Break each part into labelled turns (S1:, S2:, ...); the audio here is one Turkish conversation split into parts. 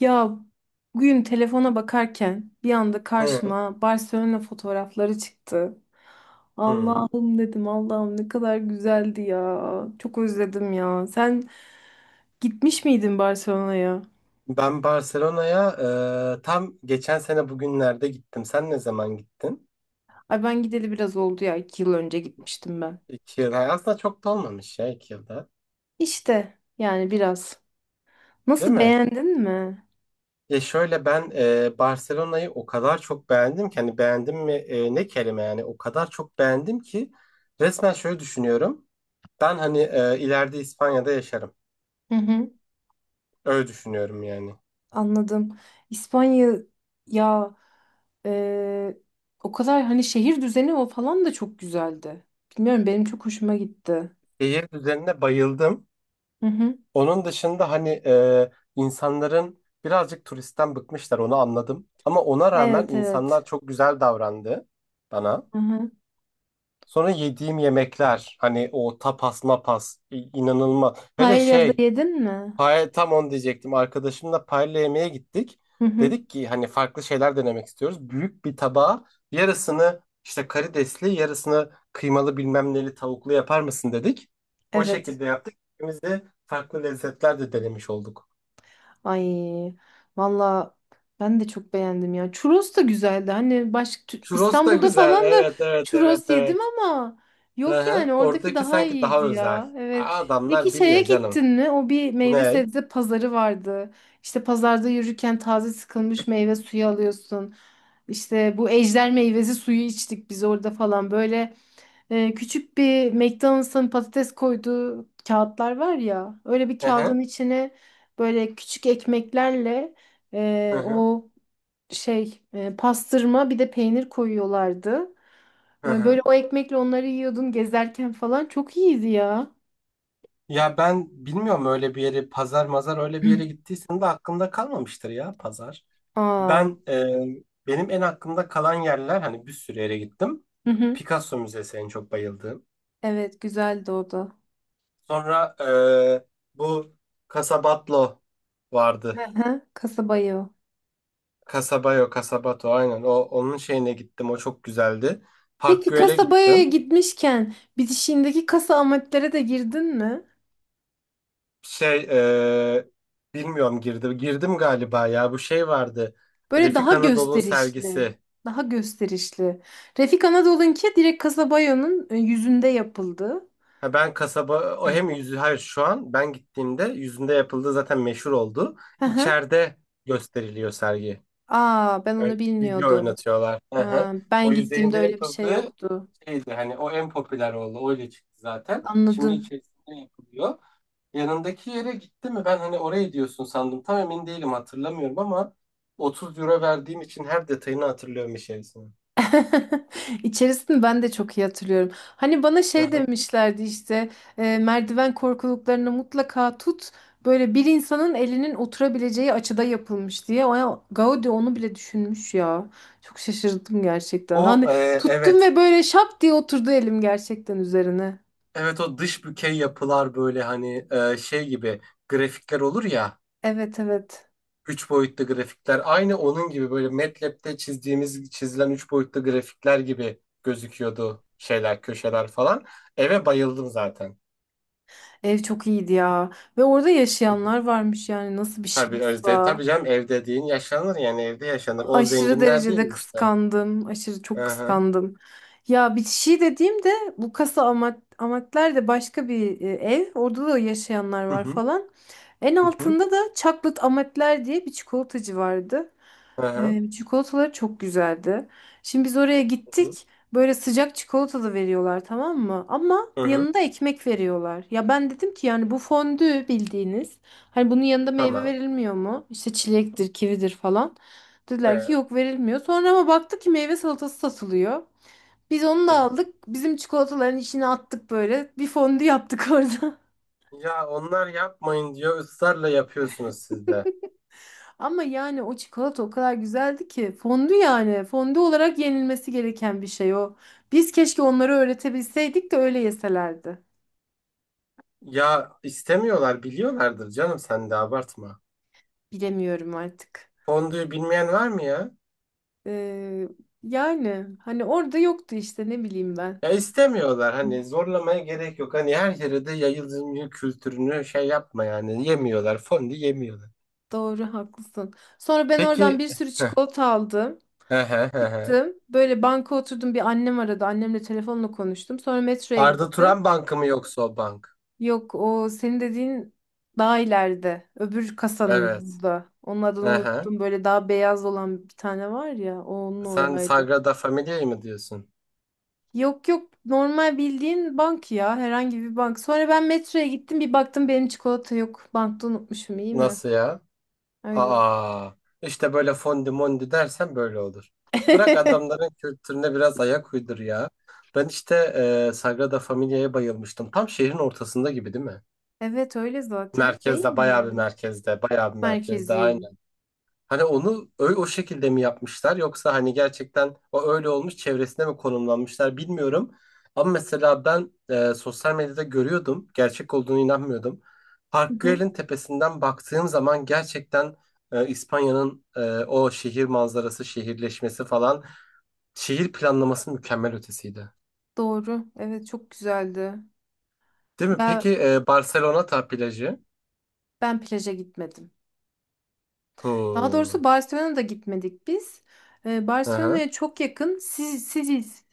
S1: Ya bugün telefona bakarken bir anda
S2: Hı,
S1: karşıma Barcelona fotoğrafları çıktı.
S2: hı.
S1: Allah'ım dedim Allah'ım ne kadar güzeldi ya. Çok özledim ya. Sen gitmiş miydin Barcelona'ya?
S2: Ben Barcelona'ya tam geçen sene bugünlerde gittim. Sen ne zaman gittin?
S1: Ay ben gideli biraz oldu ya. 2 yıl önce gitmiştim ben.
S2: 2 yıl. Aslında çok da olmamış ya 2 yılda.
S1: İşte yani biraz.
S2: Değil
S1: Nasıl
S2: mi?
S1: beğendin mi?
S2: Ya şöyle ben Barcelona'yı o kadar çok beğendim ki hani beğendim mi ne kelime yani o kadar çok beğendim ki resmen şöyle düşünüyorum. Ben hani ileride İspanya'da yaşarım.
S1: Hı hı.
S2: Öyle düşünüyorum yani.
S1: Anladım. İspanya ya e, o kadar hani şehir düzeni o falan da çok güzeldi. Bilmiyorum benim çok hoşuma gitti.
S2: Şehir üzerine bayıldım.
S1: Hı hı.
S2: Onun dışında hani insanların birazcık turistten bıkmışlar onu anladım. Ama ona rağmen
S1: Evet
S2: insanlar
S1: evet.
S2: çok güzel davrandı bana.
S1: Hı hı.
S2: Sonra yediğim yemekler hani o tapas mapas inanılmaz. Hele
S1: Paella da
S2: şey
S1: yedin mi?
S2: tam onu diyecektim arkadaşımla paella yemeğe gittik.
S1: Hı hı.
S2: Dedik ki hani farklı şeyler denemek istiyoruz. Büyük bir tabağa yarısını işte karidesli yarısını kıymalı bilmem neli tavuklu yapar mısın dedik. O
S1: Evet.
S2: şekilde yaptık. İkimiz de farklı lezzetler de denemiş olduk.
S1: Ay valla ben de çok beğendim ya. Churros da güzeldi. Hani başka
S2: Churros da
S1: İstanbul'da
S2: güzel.
S1: falan da
S2: Evet, evet, evet,
S1: churros yedim
S2: evet.
S1: ama
S2: Hı
S1: yok
S2: hı.
S1: yani oradaki
S2: Oradaki
S1: daha
S2: sanki daha
S1: iyiydi
S2: özel.
S1: ya. Evet. Peki
S2: Adamlar
S1: şeye
S2: biliyor
S1: gittin
S2: canım.
S1: mi? O bir meyve
S2: Ne?
S1: sebze pazarı vardı. İşte pazarda yürürken taze sıkılmış meyve suyu alıyorsun. İşte bu ejder meyvesi suyu içtik biz orada falan. Böyle küçük bir McDonald's'ın patates koyduğu kağıtlar var ya. Öyle bir
S2: Hı hı.
S1: kağıdın içine böyle küçük ekmeklerle
S2: Hı hı.
S1: o şey pastırma bir de peynir koyuyorlardı.
S2: Hı hı.
S1: Böyle o ekmekle onları yiyordun gezerken falan. Çok iyiydi ya.
S2: Ya ben bilmiyorum öyle bir yeri pazar mazar öyle bir yere gittiysen de aklımda kalmamıştır ya pazar.
S1: Aa.
S2: Benim en aklımda kalan yerler hani bir sürü yere gittim.
S1: Hı hı.
S2: Picasso Müzesi en çok bayıldığım.
S1: Evet güzeldi o da.
S2: Sonra bu Casabatlo
S1: Hı
S2: vardı.
S1: hı. Kasabayı o.
S2: Kasabayo, Kasabato aynen. O onun şeyine gittim. O çok güzeldi. Park
S1: Peki
S2: Güell'e
S1: kasabaya
S2: gittim.
S1: gitmişken bitişiğindeki kasa amatlere de girdin mi?
S2: Şey e, bilmiyorum girdim. Girdim galiba ya. Bu şey vardı.
S1: Böyle
S2: Refik
S1: daha
S2: Anadolu'nun
S1: gösterişli.
S2: sergisi.
S1: Daha gösterişli. Refik Anadolu'nunki direkt kasabayonun yüzünde yapıldı.
S2: Ha ben kasaba o hem yüzü hayır şu an ben gittiğimde yüzünde yapıldığı zaten meşhur oldu.
S1: Hı hı.
S2: İçeride gösteriliyor sergi.
S1: Aa, ben
S2: Böyle
S1: onu
S2: video
S1: bilmiyordum.
S2: oynatıyorlar. Hı hı.
S1: Ha,
S2: O
S1: ben gittiğimde
S2: yüzeyinde
S1: öyle bir şey
S2: yapıldığı
S1: yoktu.
S2: şeydi hani o en popüler oldu. Öyle çıktı zaten. Şimdi
S1: Anladım.
S2: içerisinde yapılıyor. Yanındaki yere gitti mi? Ben hani oraya diyorsun sandım. Tam emin değilim hatırlamıyorum ama 30 € verdiğim için her detayını hatırlıyorum içerisinde.
S1: İçerisini ben de çok iyi hatırlıyorum. Hani bana
S2: Hı
S1: şey
S2: hı.
S1: demişlerdi işte merdiven korkuluklarını mutlaka tut. Böyle bir insanın elinin oturabileceği açıda yapılmış diye. O, Gaudi onu bile düşünmüş ya. Çok şaşırdım gerçekten.
S2: O,
S1: Hani tuttum
S2: evet.
S1: ve böyle şap diye oturdu elim gerçekten üzerine.
S2: Evet o dış bükey yapılar böyle hani şey gibi grafikler olur ya.
S1: Evet evet.
S2: Üç boyutlu grafikler. Aynı onun gibi böyle MATLAB'de çizdiğimiz çizilen 3 boyutlu grafikler gibi gözüküyordu şeyler köşeler falan. Eve bayıldım zaten.
S1: Ev çok iyiydi ya. Ve orada
S2: Hı hı.
S1: yaşayanlar varmış, yani nasıl bir
S2: Tabii Özde.
S1: şansa.
S2: Tabii canım ev dediğin yaşanır yani evde yaşanır. O
S1: Aşırı
S2: zenginler değil
S1: derecede
S2: mi işte?
S1: kıskandım. Aşırı çok
S2: Aha,
S1: kıskandım. Ya bitişi dediğimde bu kasa amatler de başka bir ev. Orada da yaşayanlar
S2: hı
S1: var
S2: hı.
S1: falan. En
S2: Hı hı.
S1: altında da Chocolate Amatler diye bir çikolatacı vardı.
S2: Aha,
S1: Çikolataları çok güzeldi. Şimdi biz oraya
S2: hı hı.
S1: gittik. Böyle sıcak çikolatalı veriyorlar, tamam mı? Ama
S2: Hı hı.
S1: yanında ekmek veriyorlar. Ya ben dedim ki yani bu fondü bildiğiniz. Hani bunun yanında meyve
S2: Tamam.
S1: verilmiyor mu? İşte çilektir, kividir falan. Dediler ki
S2: Hı
S1: yok verilmiyor. Sonra ama baktık ki meyve salatası satılıyor. Biz onu da
S2: hı.
S1: aldık. Bizim çikolataların içine attık böyle. Bir fondü yaptık orada.
S2: Ya onlar yapmayın diyor, ısrarla yapıyorsunuz siz de.
S1: Ama yani o çikolata o kadar güzeldi ki fondü, yani fondü olarak yenilmesi gereken bir şey o. Biz keşke onları öğretebilseydik de öyle yeselerdi.
S2: Ya istemiyorlar biliyorlardır canım sen de abartma.
S1: Bilemiyorum artık.
S2: Fondüyü bilmeyen var mı ya?
S1: Ee, yani hani orada yoktu işte, ne bileyim ben.
S2: Ya istemiyorlar hani zorlamaya gerek yok. Hani her yere de yayılımcı kültürünü şey yapma yani. Yemiyorlar fondü yemiyorlar.
S1: Doğru, haklısın. Sonra ben oradan
S2: Peki.
S1: bir sürü
S2: Heh,
S1: çikolata aldım.
S2: he he he he.
S1: Çıktım. Böyle banka oturdum, bir annem aradı. Annemle telefonla konuştum. Sonra metroya
S2: Arda
S1: gittim.
S2: Turan Bankı mı yoksa o bank?
S1: Yok, o senin dediğin daha ileride. Öbür
S2: Evet.
S1: kasanın da. Onun adını
S2: Hı hı.
S1: unuttum. Böyle daha beyaz olan bir tane var ya. O onun
S2: Sen
S1: oradaydı.
S2: Sagrada Familia'yı mı diyorsun?
S1: Yok yok, normal bildiğin bank ya. Herhangi bir bank. Sonra ben metroya gittim, bir baktım benim çikolata yok. Bankta unutmuşum, iyi mi?
S2: Nasıl ya?
S1: Öyle.
S2: Aa, işte böyle fondi mondi dersen böyle olur. Bırak adamların kültürüne biraz ayak uydur ya. Ben işte Sagrada Familia'ya bayılmıştım. Tam şehrin ortasında gibi değil mi?
S1: Evet, öyle zaten değil
S2: Merkezde, bayağı bir
S1: mi?
S2: merkezde, bayağı bir merkezde.
S1: Merkezi.
S2: Hani onu öyle o şekilde mi yapmışlar yoksa hani gerçekten o öyle olmuş çevresine mi konumlanmışlar bilmiyorum. Ama mesela ben sosyal medyada görüyordum. Gerçek olduğunu inanmıyordum.
S1: Hı
S2: Park
S1: hı.
S2: Güell'in tepesinden baktığım zaman gerçekten İspanya'nın o şehir manzarası, şehirleşmesi falan şehir planlaması mükemmel ötesiydi.
S1: Doğru. Evet, çok güzeldi.
S2: Değil mi?
S1: Ya
S2: Peki Barcelona ta plajı.
S1: ben plaja gitmedim. Daha
S2: Hmm.
S1: doğrusu Barcelona'da gitmedik biz.
S2: Hı, aha,
S1: Barcelona'ya çok yakın Siciz,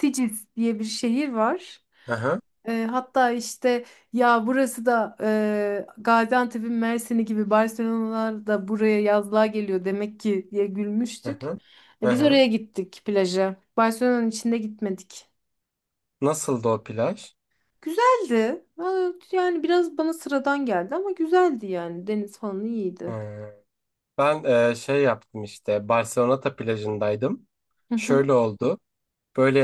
S1: Siciz diye bir şehir var.
S2: aha, aha.
S1: Hatta işte ya, burası da Gaziantep'in Mersin'i gibi Barcelona'lar da buraya yazlığa geliyor demek ki diye gülmüştük.
S2: Hı
S1: Biz oraya gittik plaja. Barcelona'nın içinde gitmedik.
S2: Nasıldı o plaj?
S1: Güzeldi. Aa, yani biraz bana sıradan geldi ama güzeldi yani. Deniz falan iyiydi.
S2: Hı. Ben şey yaptım işte Barceloneta plajındaydım.
S1: Hı hı.
S2: Şöyle oldu. Böyle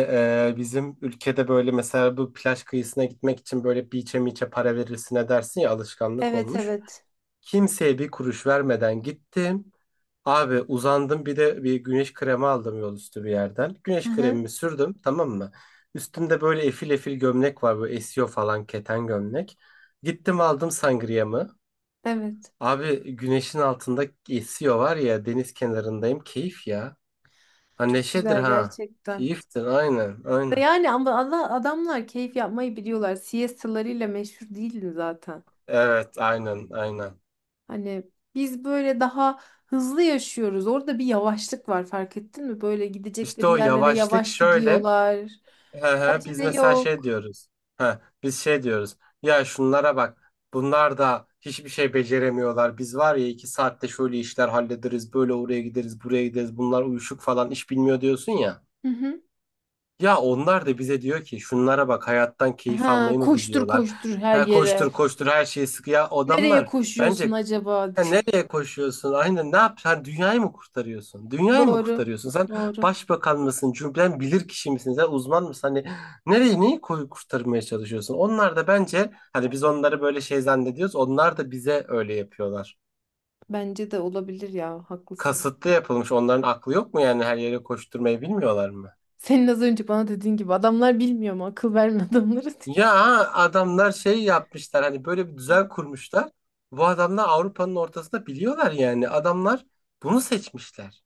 S2: bizim ülkede böyle mesela bu plaj kıyısına gitmek için böyle beach'e miçe para verirsin dersin ya alışkanlık
S1: Evet
S2: olmuş.
S1: evet.
S2: Kimseye bir kuruş vermeden gittim. Abi uzandım bir de bir güneş kremi aldım yol üstü bir yerden.
S1: Hı
S2: Güneş
S1: hı.
S2: kremimi sürdüm tamam mı? Üstümde böyle efil efil gömlek var böyle esiyor falan keten gömlek. Gittim aldım sangriyamı.
S1: Evet.
S2: Abi güneşin altında esiyor var ya deniz kenarındayım keyif ya. Ha
S1: Çok
S2: neşedir
S1: güzel
S2: ha.
S1: gerçekten.
S2: Keyiftir aynen aynen.
S1: Yani ama adamlar keyif yapmayı biliyorlar. Siestalarıyla meşhur değildi zaten.
S2: Evet aynen aynen.
S1: Hani biz böyle daha hızlı yaşıyoruz. Orada bir yavaşlık var, fark ettin mi? Böyle
S2: İşte
S1: gidecekleri
S2: o
S1: yerlere
S2: yavaşlık
S1: yavaş
S2: şöyle.
S1: gidiyorlar.
S2: He
S1: Bir
S2: he, biz
S1: acele
S2: mesela şey
S1: yok.
S2: diyoruz. Ha biz şey diyoruz. Ya şunlara bak. Bunlar da hiçbir şey beceremiyorlar. Biz var ya 2 saatte şöyle işler hallederiz. Böyle oraya gideriz buraya gideriz. Bunlar uyuşuk falan iş bilmiyor diyorsun ya.
S1: Hı hı.
S2: Ya onlar da bize diyor ki şunlara bak hayattan keyif
S1: Ha,
S2: almayı mı
S1: koştur
S2: biliyorlar?
S1: koştur her
S2: Ha,
S1: yere.
S2: koştur koştur her şeyi sık. Ya
S1: Nereye
S2: adamlar
S1: koşuyorsun
S2: bence
S1: acaba?
S2: "Ha, nereye koşuyorsun? Aynen ne yap? Sen dünyayı mı kurtarıyorsun? Dünyayı mı
S1: Doğru.
S2: kurtarıyorsun? Sen
S1: Doğru.
S2: başbakan mısın? Cümlen bilir kişi misin? Sen uzman mısın? Hani nereyi neyi koyu kurtarmaya çalışıyorsun? Onlar da bence hani biz onları böyle şey zannediyoruz. Onlar da bize öyle yapıyorlar.
S1: Bence de olabilir ya. Haklısın.
S2: Kasıtlı yapılmış. Onların aklı yok mu yani her yere koşturmayı bilmiyorlar mı?
S1: Senin az önce bana dediğin gibi, adamlar bilmiyor mu? Akıl verme adamları.
S2: Ya adamlar şey yapmışlar hani böyle bir düzen kurmuşlar. Bu adamlar Avrupa'nın ortasında biliyorlar yani. Adamlar bunu seçmişler.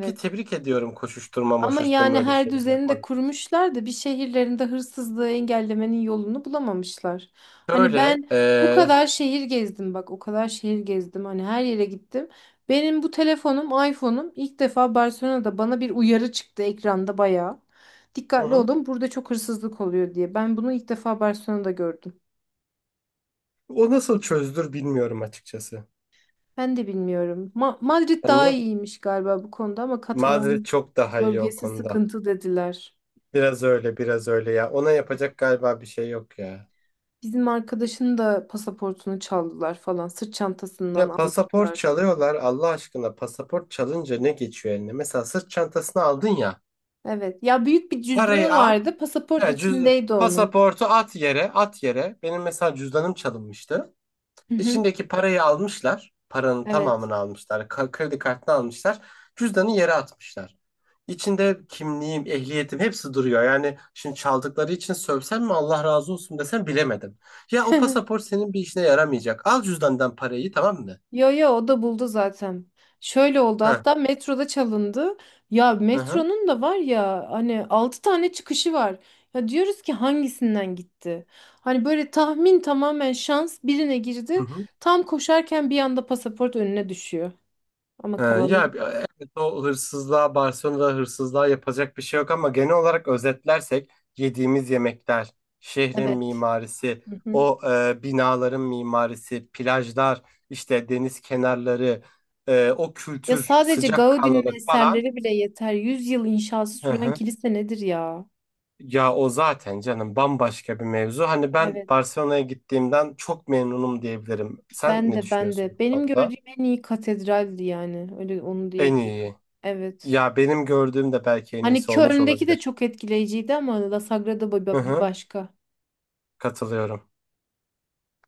S2: Ki tebrik ediyorum koşuşturma
S1: Ama
S2: moşuşturma
S1: yani
S2: öyle
S1: her
S2: şeyler
S1: düzeni de
S2: yapmadık.
S1: kurmuşlar da bir şehirlerinde hırsızlığı engellemenin yolunu bulamamışlar. Hani
S2: Şöyle,
S1: ben bu kadar şehir gezdim, bak o kadar şehir gezdim, hani her yere gittim. Benim bu telefonum, iPhone'um, ilk defa Barcelona'da bana bir uyarı çıktı ekranda bayağı.
S2: hı
S1: Dikkatli
S2: hı.
S1: olun, burada çok hırsızlık oluyor diye. Ben bunu ilk defa Barcelona'da gördüm.
S2: O nasıl çözülür bilmiyorum açıkçası.
S1: Ben de bilmiyorum. Madrid
S2: Yani
S1: daha
S2: nasıl-
S1: iyiymiş galiba bu konuda, ama
S2: Madrid
S1: Katalan
S2: çok daha iyi o
S1: bölgesi
S2: konuda.
S1: sıkıntı dediler.
S2: Biraz öyle biraz öyle ya. Ona yapacak galiba bir şey yok ya.
S1: Bizim arkadaşın da pasaportunu çaldılar falan. Sırt çantasından
S2: Ya pasaport
S1: almışlar.
S2: çalıyorlar Allah aşkına pasaport çalınca ne geçiyor eline? Mesela sırt çantasını aldın ya.
S1: Evet. Ya büyük bir
S2: Parayı
S1: cüzdanı vardı. Pasaport
S2: Ya cüz
S1: içindeydi onun.
S2: pasaportu at yere, at yere. Benim mesela cüzdanım çalınmıştı.
S1: Hı hı.
S2: İçindeki parayı almışlar. Paranın
S1: Evet.
S2: tamamını almışlar. Kredi kartını almışlar. Cüzdanı yere atmışlar. İçinde kimliğim, ehliyetim hepsi duruyor. Yani şimdi çaldıkları için sövsem mi Allah razı olsun desem bilemedim. Ya o pasaport senin bir işine yaramayacak. Al cüzdandan parayı tamam mı?
S1: Yo yo, o da buldu zaten. Şöyle oldu,
S2: Hı
S1: hatta metroda çalındı. Ya
S2: hı.
S1: metronun da var ya hani 6 tane çıkışı var. Ya diyoruz ki hangisinden gitti? Hani böyle tahmin, tamamen şans, birine
S2: Hı
S1: girdi.
S2: hı.
S1: Tam koşarken bir anda pasaport önüne düşüyor. Ama
S2: Ee,
S1: kalanı
S2: ya
S1: gitti.
S2: e, evet o hırsızlığa, Barcelona'da hırsızlığa yapacak bir şey yok ama genel olarak özetlersek yediğimiz yemekler, şehrin
S1: Evet.
S2: mimarisi, o binaların mimarisi, plajlar, işte deniz kenarları, o
S1: Ya
S2: kültür,
S1: sadece Gaudi'nin
S2: sıcakkanlılık falan.
S1: eserleri bile yeter. 100 yıl inşası
S2: Hı
S1: süren
S2: hı.
S1: kilise nedir ya?
S2: Ya o zaten canım bambaşka bir mevzu. Hani ben
S1: Evet,
S2: Barcelona'ya gittiğimden çok memnunum diyebilirim. Sen
S1: ben
S2: ne
S1: de ben de.
S2: düşünüyorsun bu
S1: Benim
S2: konuda?
S1: gördüğüm en iyi katedraldi yani. Öyle onu
S2: En
S1: diyebilirim.
S2: iyi.
S1: Evet.
S2: Ya benim gördüğüm de belki en
S1: Hani
S2: iyisi olmuş
S1: Köln'deki de
S2: olabilir.
S1: çok etkileyiciydi ama La Sagrada
S2: Hı
S1: Bir
S2: hı.
S1: başka.
S2: Katılıyorum.